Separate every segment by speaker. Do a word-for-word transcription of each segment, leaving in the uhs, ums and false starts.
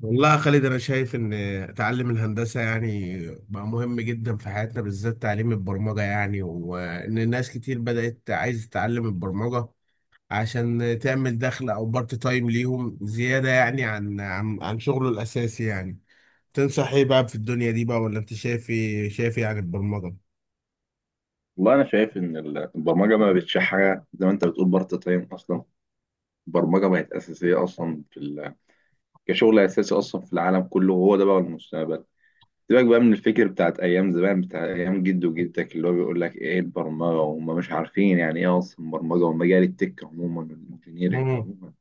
Speaker 1: والله يا خالد، انا شايف ان تعلم الهندسه يعني بقى مهم جدا في حياتنا، بالذات تعليم البرمجه يعني، وان الناس كتير بدات عايز تتعلم البرمجه عشان تعمل دخل او بارت تايم ليهم زياده يعني عن عن عن شغله الاساسي يعني. تنصح ايه بقى في الدنيا دي بقى؟ ولا انت شايف ايه شايف ايه عن البرمجه؟
Speaker 2: والله انا شايف ان ال- البرمجه ما بقتش حاجه زي ما انت بتقول بارت تايم اصلا. البرمجه بقت اساسيه اصلا في ال... كشغل اساسي اصلا في العالم كله، وهو ده بقى المستقبل. سيبك بقى من الفكر بتاعت ايام زمان، بتاع ايام جد وجدتك، اللي هو بيقول لك ايه البرمجه وهم مش عارفين يعني ايه اصلا برمجه، ومجال التك عموما والانجينيرنج عموما.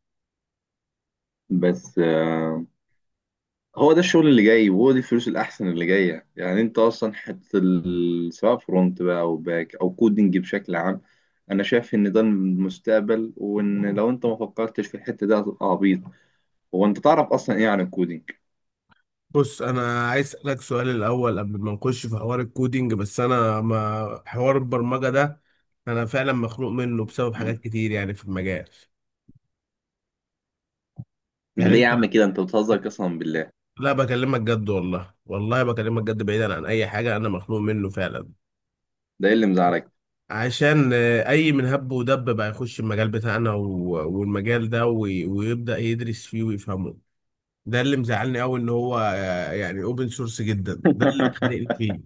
Speaker 2: بس آه، هو ده الشغل اللي جاي، وهو دي الفلوس الأحسن اللي جاية. يعني أنت أصلا حتة ال- سواء فرونت بقى أو باك أو كودنج بشكل عام، أنا شايف إن ده المستقبل، وإن لو أنت ما فكرتش في الحتة دي هتبقى عبيط. هو أنت تعرف أصلا إيه عن الكودنج؟
Speaker 1: بص، انا عايز اسالك سؤال الاول قبل ما نخش في حوار الكودينج، بس انا ما حوار البرمجه ده انا فعلا مخنوق منه بسبب حاجات كتير يعني في المجال.
Speaker 2: ده
Speaker 1: يعني
Speaker 2: ليه يا
Speaker 1: انت،
Speaker 2: عم كده أنت بتهزر؟ قسما بالله،
Speaker 1: لا بكلمك جد، والله والله بكلمك جد، بعيدا عن اي حاجه انا مخنوق منه فعلا.
Speaker 2: ده إيه اللي مزعلك؟
Speaker 1: عشان آه، اي من هب ودب بقى يخش المجال بتاعنا و- والمجال ده وي- ويبدا يدرس فيه ويفهمه. ده اللي مزعلني قوي ان هو، آه، يعني اوبن سورس جدا، ده اللي خانقني فيه.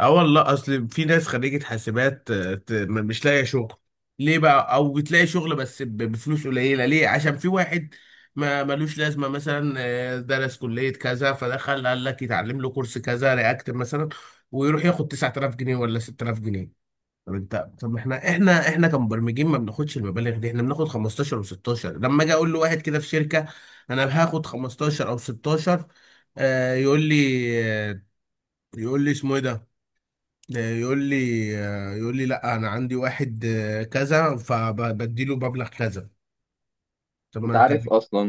Speaker 1: اه والله، اصل في ناس خريجة حاسبات آه، ت- م- مش لاقية شغل ليه بقى، او بتلاقي شغل بس ب- بفلوس قليلة. ليه؟ عشان في واحد ما ملوش لازمة، مثلا آه، درس كلية كذا فدخل قال لك يتعلم له كورس كذا، رياكت مثلا، ويروح ياخد تسعة آلاف جنيه ولا ستة آلاف جنيه. طب انت، طب ما احنا احنا احنا كمبرمجين ما بناخدش المبالغ دي، احنا بناخد خمستاشر و16. لما اجي اقول لواحد كده في شركة انا هاخد خمستاشر او ستاشر، آه، يقول لي، آه، يقول لي اسمه ايه ده، ده يقول لي، يقول لي لا انا عندي واحد آه، كذا فبديله مبلغ كذا. طب ما
Speaker 2: أنت
Speaker 1: انت،
Speaker 2: عارف أصلا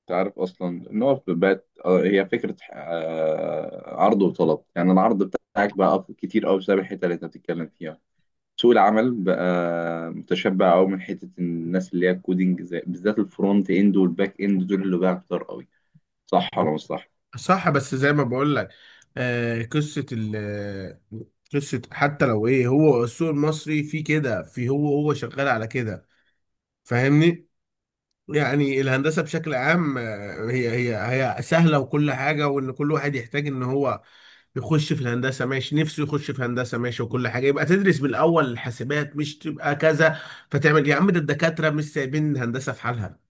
Speaker 2: أنت عارف أصلا إن هو في البات آه، هي فكرة آه، عرض وطلب. يعني العرض بتاعك بقى أف- كتير أوي بسبب الحتة اللي أنت بتتكلم فيها. سوق العمل بقى متشبع قوي من حته الناس اللي هي الكودينج، زي بالذات الفرونت اند والباك اند، دول اللي بقى كتار قوي. صح ولا مش صح؟
Speaker 1: صح بس زي ما بقول لك، آه، قصه ال قصه حتى لو ايه، هو السوق المصري فيه كده، في هو هو شغال على كده، فاهمني؟ يعني الهندسة بشكل عام آه، هي هي هي سهلة وكل حاجة، وإن كل واحد يحتاج إن هو يخش في الهندسة ماشي، نفسه يخش في هندسة ماشي، وكل حاجة يبقى تدرس من الأول، الحاسبات مش تبقى كذا فتعمل يا عم. ده الدكاترة مش سايبين الهندسة في حالها،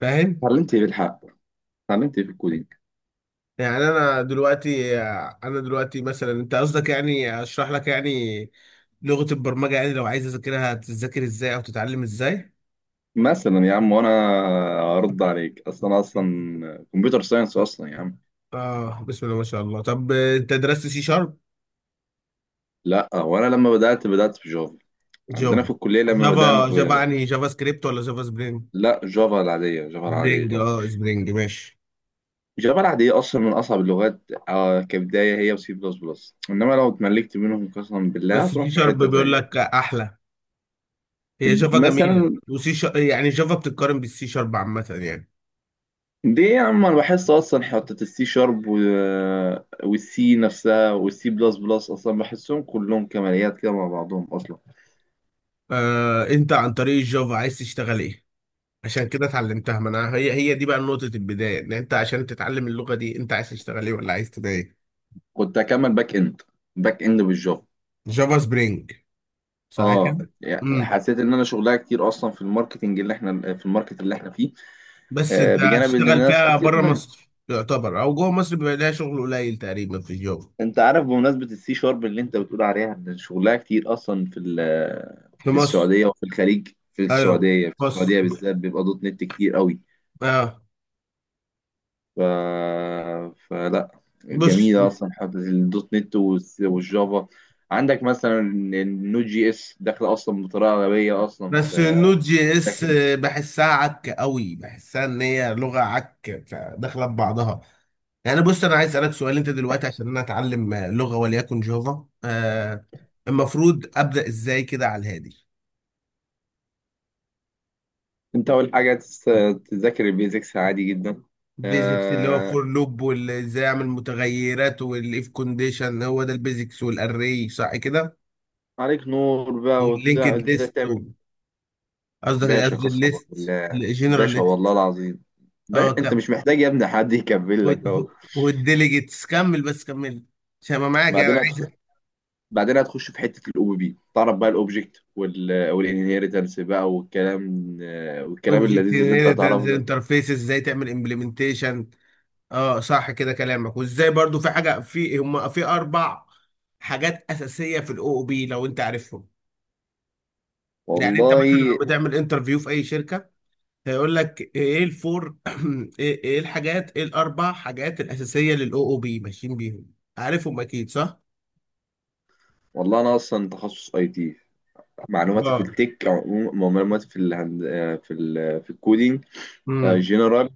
Speaker 1: فاهم؟
Speaker 2: اتعلمت ايه بالحق؟ اتعلمت ايه في الكودينج؟
Speaker 1: يعني أنا دلوقتي، آه، أنا دلوقتي مثلا أنت قصدك يعني أشرح لك يعني لغة البرمجة، يعني لو عايز أذاكرها تذاكر إزاي أو تتعلم إزاي؟
Speaker 2: مثلا يا عم، وانا ارد عليك اصلا، انا اصلا كمبيوتر ساينس اصلا يا عم.
Speaker 1: آه، بسم الله ما شاء الله. طب آه، أنت درست سي شارب؟
Speaker 2: لا، وانا لما بدات بدات في جافا، عندنا في
Speaker 1: جافا.
Speaker 2: الكليه لما بدانا
Speaker 1: جافا جافا
Speaker 2: في...
Speaker 1: يعني جافا سكريبت ولا جافا سبرينج؟
Speaker 2: لا، جافا العاديه. جافا
Speaker 1: سبرينج،
Speaker 2: العاديه
Speaker 1: اه سبرينج ماشي.
Speaker 2: جافا العاديه اصلا من اصعب اللغات، آه، كبدايه هي وسي بلس بلس، انما لو اتملكت منهم قسما بالله
Speaker 1: بس
Speaker 2: هتروح
Speaker 1: سي
Speaker 2: في
Speaker 1: شارب
Speaker 2: حته
Speaker 1: بيقول
Speaker 2: تانيه.
Speaker 1: لك احلى. هي جافا جميله،
Speaker 2: مثلا
Speaker 1: وسي شارب يعني جافا بتتقارن بالسي شارب عامه يعني.
Speaker 2: ليه يا عم، انا بحس اصلا حتة السي شارب و... والسي نفسها والسي بلس بلس اصلا، بحسهم كلهم كماليات كده مع بعضهم اصلا.
Speaker 1: آه، انت عن طريق الجافا عايز تشتغل ايه عشان كده اتعلمتها؟ ما انا هي هي دي بقى نقطه البدايه، ان انت عشان تتعلم اللغه دي انت عايز تشتغل ايه ولا عايز تبقى ايه.
Speaker 2: كنت اكمل باك اند باك اند بالجافا.
Speaker 1: جافا سبرينج، صح
Speaker 2: اه،
Speaker 1: كده؟
Speaker 2: يعني
Speaker 1: امم،
Speaker 2: حسيت ان انا شغلها كتير اصلا في الماركتنج اللي احنا في الماركت اللي احنا فيه.
Speaker 1: بس
Speaker 2: آه،
Speaker 1: انت
Speaker 2: بجانب ان
Speaker 1: هتشتغل
Speaker 2: الناس
Speaker 1: فيها
Speaker 2: كتير
Speaker 1: بره
Speaker 2: ناس.
Speaker 1: مصر يعتبر، او جوه مصر بيبقى لها شغل قليل تقريبا في الجافا.
Speaker 2: انت عارف، بمناسبة السي شارب اللي انت بتقول عليها ان شغلها كتير اصلا في ال-
Speaker 1: في
Speaker 2: في
Speaker 1: مصر،
Speaker 2: السعودية وفي الخليج. في
Speaker 1: ايوه.
Speaker 2: السعودية في
Speaker 1: بص،
Speaker 2: السعودية بالذات بيبقى دوت نت كتير قوي.
Speaker 1: اه،
Speaker 2: ف... فلا،
Speaker 1: بص،
Speaker 2: جميلة أصلا حتة الدوت نت والس- والجافا. عندك مثلا النود جي اس داخلة أصلا بطريقة غبية أصلا
Speaker 1: بس
Speaker 2: في
Speaker 1: النود جي اس
Speaker 2: لكن...
Speaker 1: بحسها عك قوي، بحسها ان هي لغه عك داخله ببعضها. يعني بص، انا عايز اسالك سؤال. انت دلوقتي عشان انا اتعلم لغه وليكن جافا آه، المفروض ابدا ازاي كده على الهادي؟
Speaker 2: أنت أول حاجة تس- تذاكر البيزكس عادي جدا.
Speaker 1: البيزكس اللي هو
Speaker 2: آه...
Speaker 1: فور لوب، وازاي اعمل متغيرات، والاف كونديشن، هو ده البيزكس والاري، صح كده؟
Speaker 2: عليك نور بقى، وبتاع
Speaker 1: واللينكد
Speaker 2: ازاي
Speaker 1: ليست،
Speaker 2: تعمل.
Speaker 1: قصدك
Speaker 2: باشا،
Speaker 1: قصدي
Speaker 2: قسما
Speaker 1: الليست،
Speaker 2: بالله.
Speaker 1: الجنرال
Speaker 2: باشا، والله
Speaker 1: ليست.
Speaker 2: العظيم.
Speaker 1: اه
Speaker 2: باشا، انت
Speaker 1: كمل،
Speaker 2: مش محتاج يا ابني حد يكمل لك، اهو.
Speaker 1: و- والديليجيتس، كمل بس كمل عشان ما معاك يعني،
Speaker 2: بعدين
Speaker 1: عايز
Speaker 2: هتخ... بعدين هتخش في حته الاو بي بي. تعرف بقى الاوبجكت وال والانهيرتنس بقى، والكلام آه، والكلام
Speaker 1: اوبجكت،
Speaker 2: اللذيذ اللي انت
Speaker 1: هنا
Speaker 2: هتعرفه
Speaker 1: تنزل
Speaker 2: ده.
Speaker 1: انترفيس، ازاي تعمل امبلمنتيشن. اه صح كده كلامك. وازاي برضو في حاجه في هم في اربع حاجات اساسيه في الاو او بي، لو انت عارفهم. يعني انت مثلا
Speaker 2: والله،
Speaker 1: لو بتعمل انترفيو في اي شركه هيقول لك ايه الفور ايه إيه الحاجات ايه الاربع حاجات الاساسيه للاو او بي، ماشيين بيهم عارفهم اكيد صح؟
Speaker 2: والله انا اصلا تخصص اي تي. معلوماتي في
Speaker 1: اه.
Speaker 2: التك عموما- معلوماتي في الهند آه، في ال في الكودينج
Speaker 1: امم.
Speaker 2: جنرال،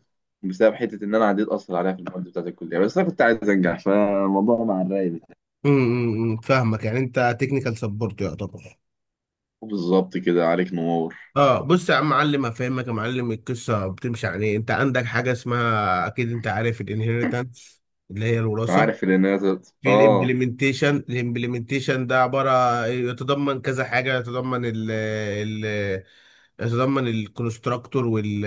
Speaker 2: بسبب حته ان انا عديت اصلا عليها في المواد بتاعت الكليه، بس انا كنت عايز انجح فالموضوع مع الراي بتاعي.
Speaker 1: امم أمم، فاهمك، يعني انت تكنيكال سبورت يعتبر.
Speaker 2: بالظبط كده، عليك نور.
Speaker 1: اه بص يا عم معلم، هفهمك يا معلم. القصه بتمشي عن ايه، انت عندك حاجه اسمها، اكيد انت عارف الانهيرتنس اللي هي الوراثه.
Speaker 2: عارف ان انا،
Speaker 1: في
Speaker 2: اه،
Speaker 1: الامبلمنتيشن، الامبلمنتيشن ده عباره يتضمن كذا حاجه، يتضمن ال ال يتضمن الكونستراكتور، وال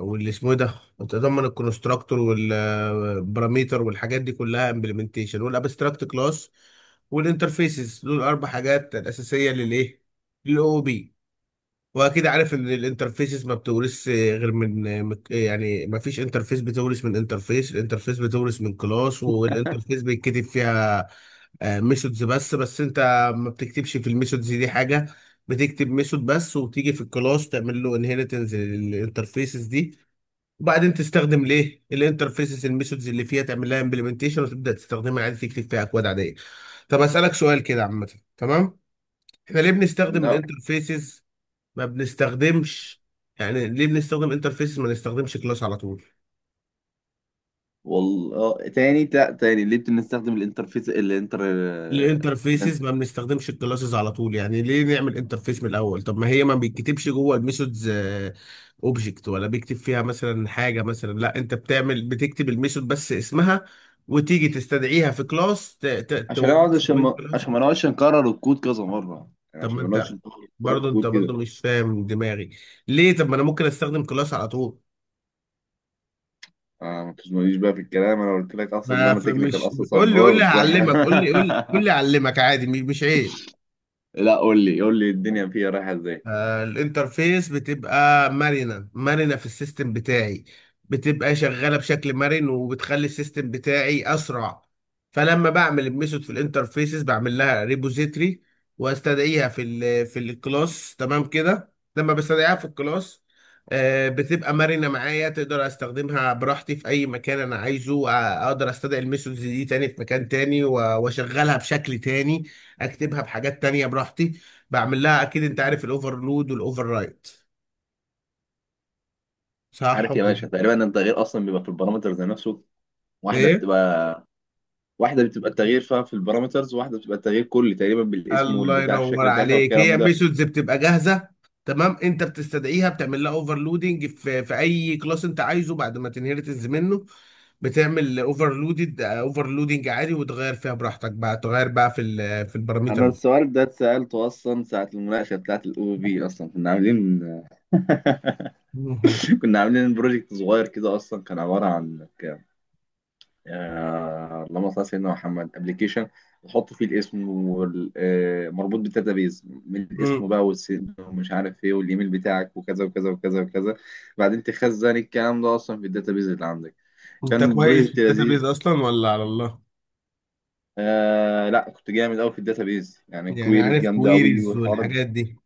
Speaker 1: واللي اسمه إيه ده يتضمن الكونستراكتور والباراميتر والحاجات دي كلها امبلمنتيشن، والابستراكت كلاس والانترفيسز، دول اربع حاجات الاساسيه للايه للاو بي. واكيد عارف ان الانترفيسز ما بتورث غير من من- يعني ما فيش انترفيس بتورث من انترفيس، الانترفيس بتورث من كلاس. والانترفيس بيتكتب فيها ميثودز بس، بس انت ما بتكتبش في الميثودز دي حاجه، بتكتب ميثود بس وتيجي في الكلاس تعمل له انهيرتنس للانترفيسز دي، وبعدين تستخدم ليه الانترفيسز، الميثودز اللي فيها تعمل لها امبلمنتيشن وتبدا تستخدمها عادي، تكتب فيها اكواد عاديه. طب اسالك سؤال كده عامه، تمام، احنا ليه بنستخدم
Speaker 2: لا.
Speaker 1: الانترفيسز؟ ما بنستخدمش، يعني ليه بنستخدم انترفيسز ما نستخدمش كلاس على طول؟
Speaker 2: والله تاني، لا تاني، ليه بنستخدم الانترفيس؟ الانتر
Speaker 1: ليه انترفيسز ما
Speaker 2: الانت-
Speaker 1: بنستخدمش الكلاسز على طول؟ يعني ليه نعمل انترفيس من الاول؟ طب ما هي ما بيتكتبش جوه الميثودز اوبجكت، ولا بيكتب فيها مثلا حاجه؟ مثلا لا، انت بتعمل بتكتب الميثود بس اسمها، وتيجي تستدعيها في كلاس، ت- ت-
Speaker 2: عشان اقعد
Speaker 1: تورثها
Speaker 2: عشان
Speaker 1: من
Speaker 2: ما
Speaker 1: كلاس.
Speaker 2: عشان ما نقعدش نكرر الكود كذا مره، يعني
Speaker 1: طب ما
Speaker 2: عشان ما نقعدش
Speaker 1: انت،
Speaker 2: نكرر
Speaker 1: برضه انت
Speaker 2: الكود كده.
Speaker 1: برضه مش فاهم دماغي ليه. طب ما انا ممكن استخدم كلاس على طول.
Speaker 2: آه، ما تزنونيش بقى في الكلام، انا قلت لك اصلا ان
Speaker 1: ما
Speaker 2: انا
Speaker 1: ف-
Speaker 2: تكنيكال
Speaker 1: مش
Speaker 2: اصلا،
Speaker 1: قول لي، قول لي
Speaker 2: صبرت
Speaker 1: هعلمك، قول لي، قول لي قول لي هعلمك عادي، مش مش عيب.
Speaker 2: لا، قول لي قول لي الدنيا فيها رايحه ازاي.
Speaker 1: آه، الانترفيس بتبقى مرنة، مرنة في السيستم بتاعي، بتبقى شغالة بشكل مرن، وبتخلي السيستم بتاعي أسرع. فلما بعمل الميثود في الانترفيسز، بعمل لها ريبوزيتري واستدعيها في ال في الكلاس. تمام كده، لما بستدعيها في الكلاس آه، بتبقى مرنة معايا، تقدر استخدمها براحتي في اي مكان انا عايزه. آه، اقدر استدعي الميثودز دي تاني في مكان تاني، و- واشغلها بشكل تاني، اكتبها بحاجات تانية براحتي، بعمل لها، اكيد انت عارف الاوفرلود والاوفر رايت، صح
Speaker 2: عارف
Speaker 1: ولا
Speaker 2: يا باشا
Speaker 1: إيه؟
Speaker 2: تقريبا إن التغيير اصلا بيبقى في البارامترز نفسه. واحده
Speaker 1: ايه،
Speaker 2: بتبقى واحده بتبقى التغيير فيها في البارامترز، وواحده بتبقى التغيير كلي تقريبا، بالاسم
Speaker 1: الله
Speaker 2: والبتاع
Speaker 1: ينور
Speaker 2: الشكل بتاعتها
Speaker 1: عليك.
Speaker 2: والكلام
Speaker 1: هي
Speaker 2: ده.
Speaker 1: ميثودز بتبقى جاهزه، تمام، انت بتستدعيها بتعمل لها اوفرلودنج في في اي كلاس انت عايزه بعد ما تنهرتنز منه، بتعمل اوفرلودد اوفرلودنج عادي، وتغير فيها براحتك بقى، تغير بقى في ال- في الباراميتر
Speaker 2: انا
Speaker 1: بقى.
Speaker 2: السؤال ده اتسالته اصلا ساعه المناقشه بتاعه الاو بي، اصلا كنا عاملين
Speaker 1: مهم.
Speaker 2: كنا عاملين بروجكت صغير كده، اصلا كان عباره عن ك- آه، اللهم صل على سيدنا محمد، ابلكيشن نحط فيه الاسم، والمربوط بالداتابيز من الاسم
Speaker 1: مم.
Speaker 2: بقى، والسن، ومش عارف ايه، والايميل بتاعك، وكذا وكذا وكذا وكذا. بعدين تخزن الكلام ده اصلا في الداتابيز اللي عندك.
Speaker 1: انت
Speaker 2: كان
Speaker 1: كويس في
Speaker 2: بروجكت لذيذ.
Speaker 1: الداتابيز اصلا ولا على الله؟
Speaker 2: آه لا، كنت جامد قوي في الداتابيز، يعني
Speaker 1: يعني
Speaker 2: كويريز
Speaker 1: عارف
Speaker 2: جامده قوي
Speaker 1: كويريز
Speaker 2: والحوارات.
Speaker 1: والحاجات دي.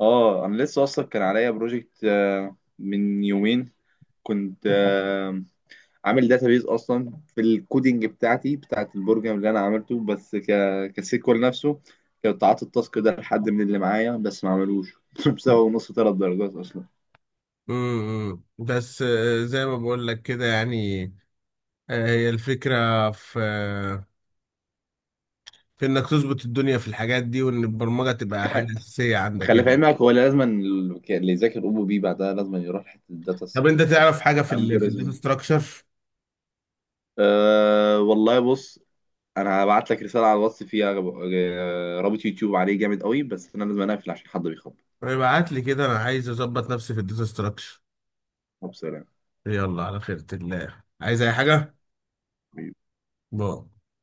Speaker 2: اه، انا لسه اصلا كان عليا بروجكت من يومين. كنت آه، عامل داتابيز اصلا في الكودينج بتاعتي بتاعت البروجرام اللي انا عملته، بس ك كسيكوال نفسه. كنت قعدت التاسك ده لحد من اللي معايا بس ما عملوش بسبب ونص ثلاث درجات اصلا.
Speaker 1: امم، بس آه، زي ما بقول لك كده يعني، آه، هي الفكرة في في انك تظبط الدنيا في الحاجات دي، وان البرمجة تبقى حاجة اساسية عندك
Speaker 2: خلي في
Speaker 1: يعني.
Speaker 2: علمك، هو لازم ال- اللي يذاكر او بي بعدها لازم يروح حته الداتا
Speaker 1: طب انت
Speaker 2: ستراكشر
Speaker 1: تعرف حاجة في ال في الداتا
Speaker 2: والالجوريزم.
Speaker 1: ستراكشر؟
Speaker 2: أه والله بص، انا هبعت لك رساله على الواتس فيها آه، رابط يوتيوب عليه جامد قوي، بس انا لازم اقفل عشان حد بيخبط،
Speaker 1: ابعت لي كده، انا عايز اظبط نفسي في الداتا ستراكشر.
Speaker 2: وبسلام.
Speaker 1: يلا على خيرة الله، عايز اي حاجة؟ باي.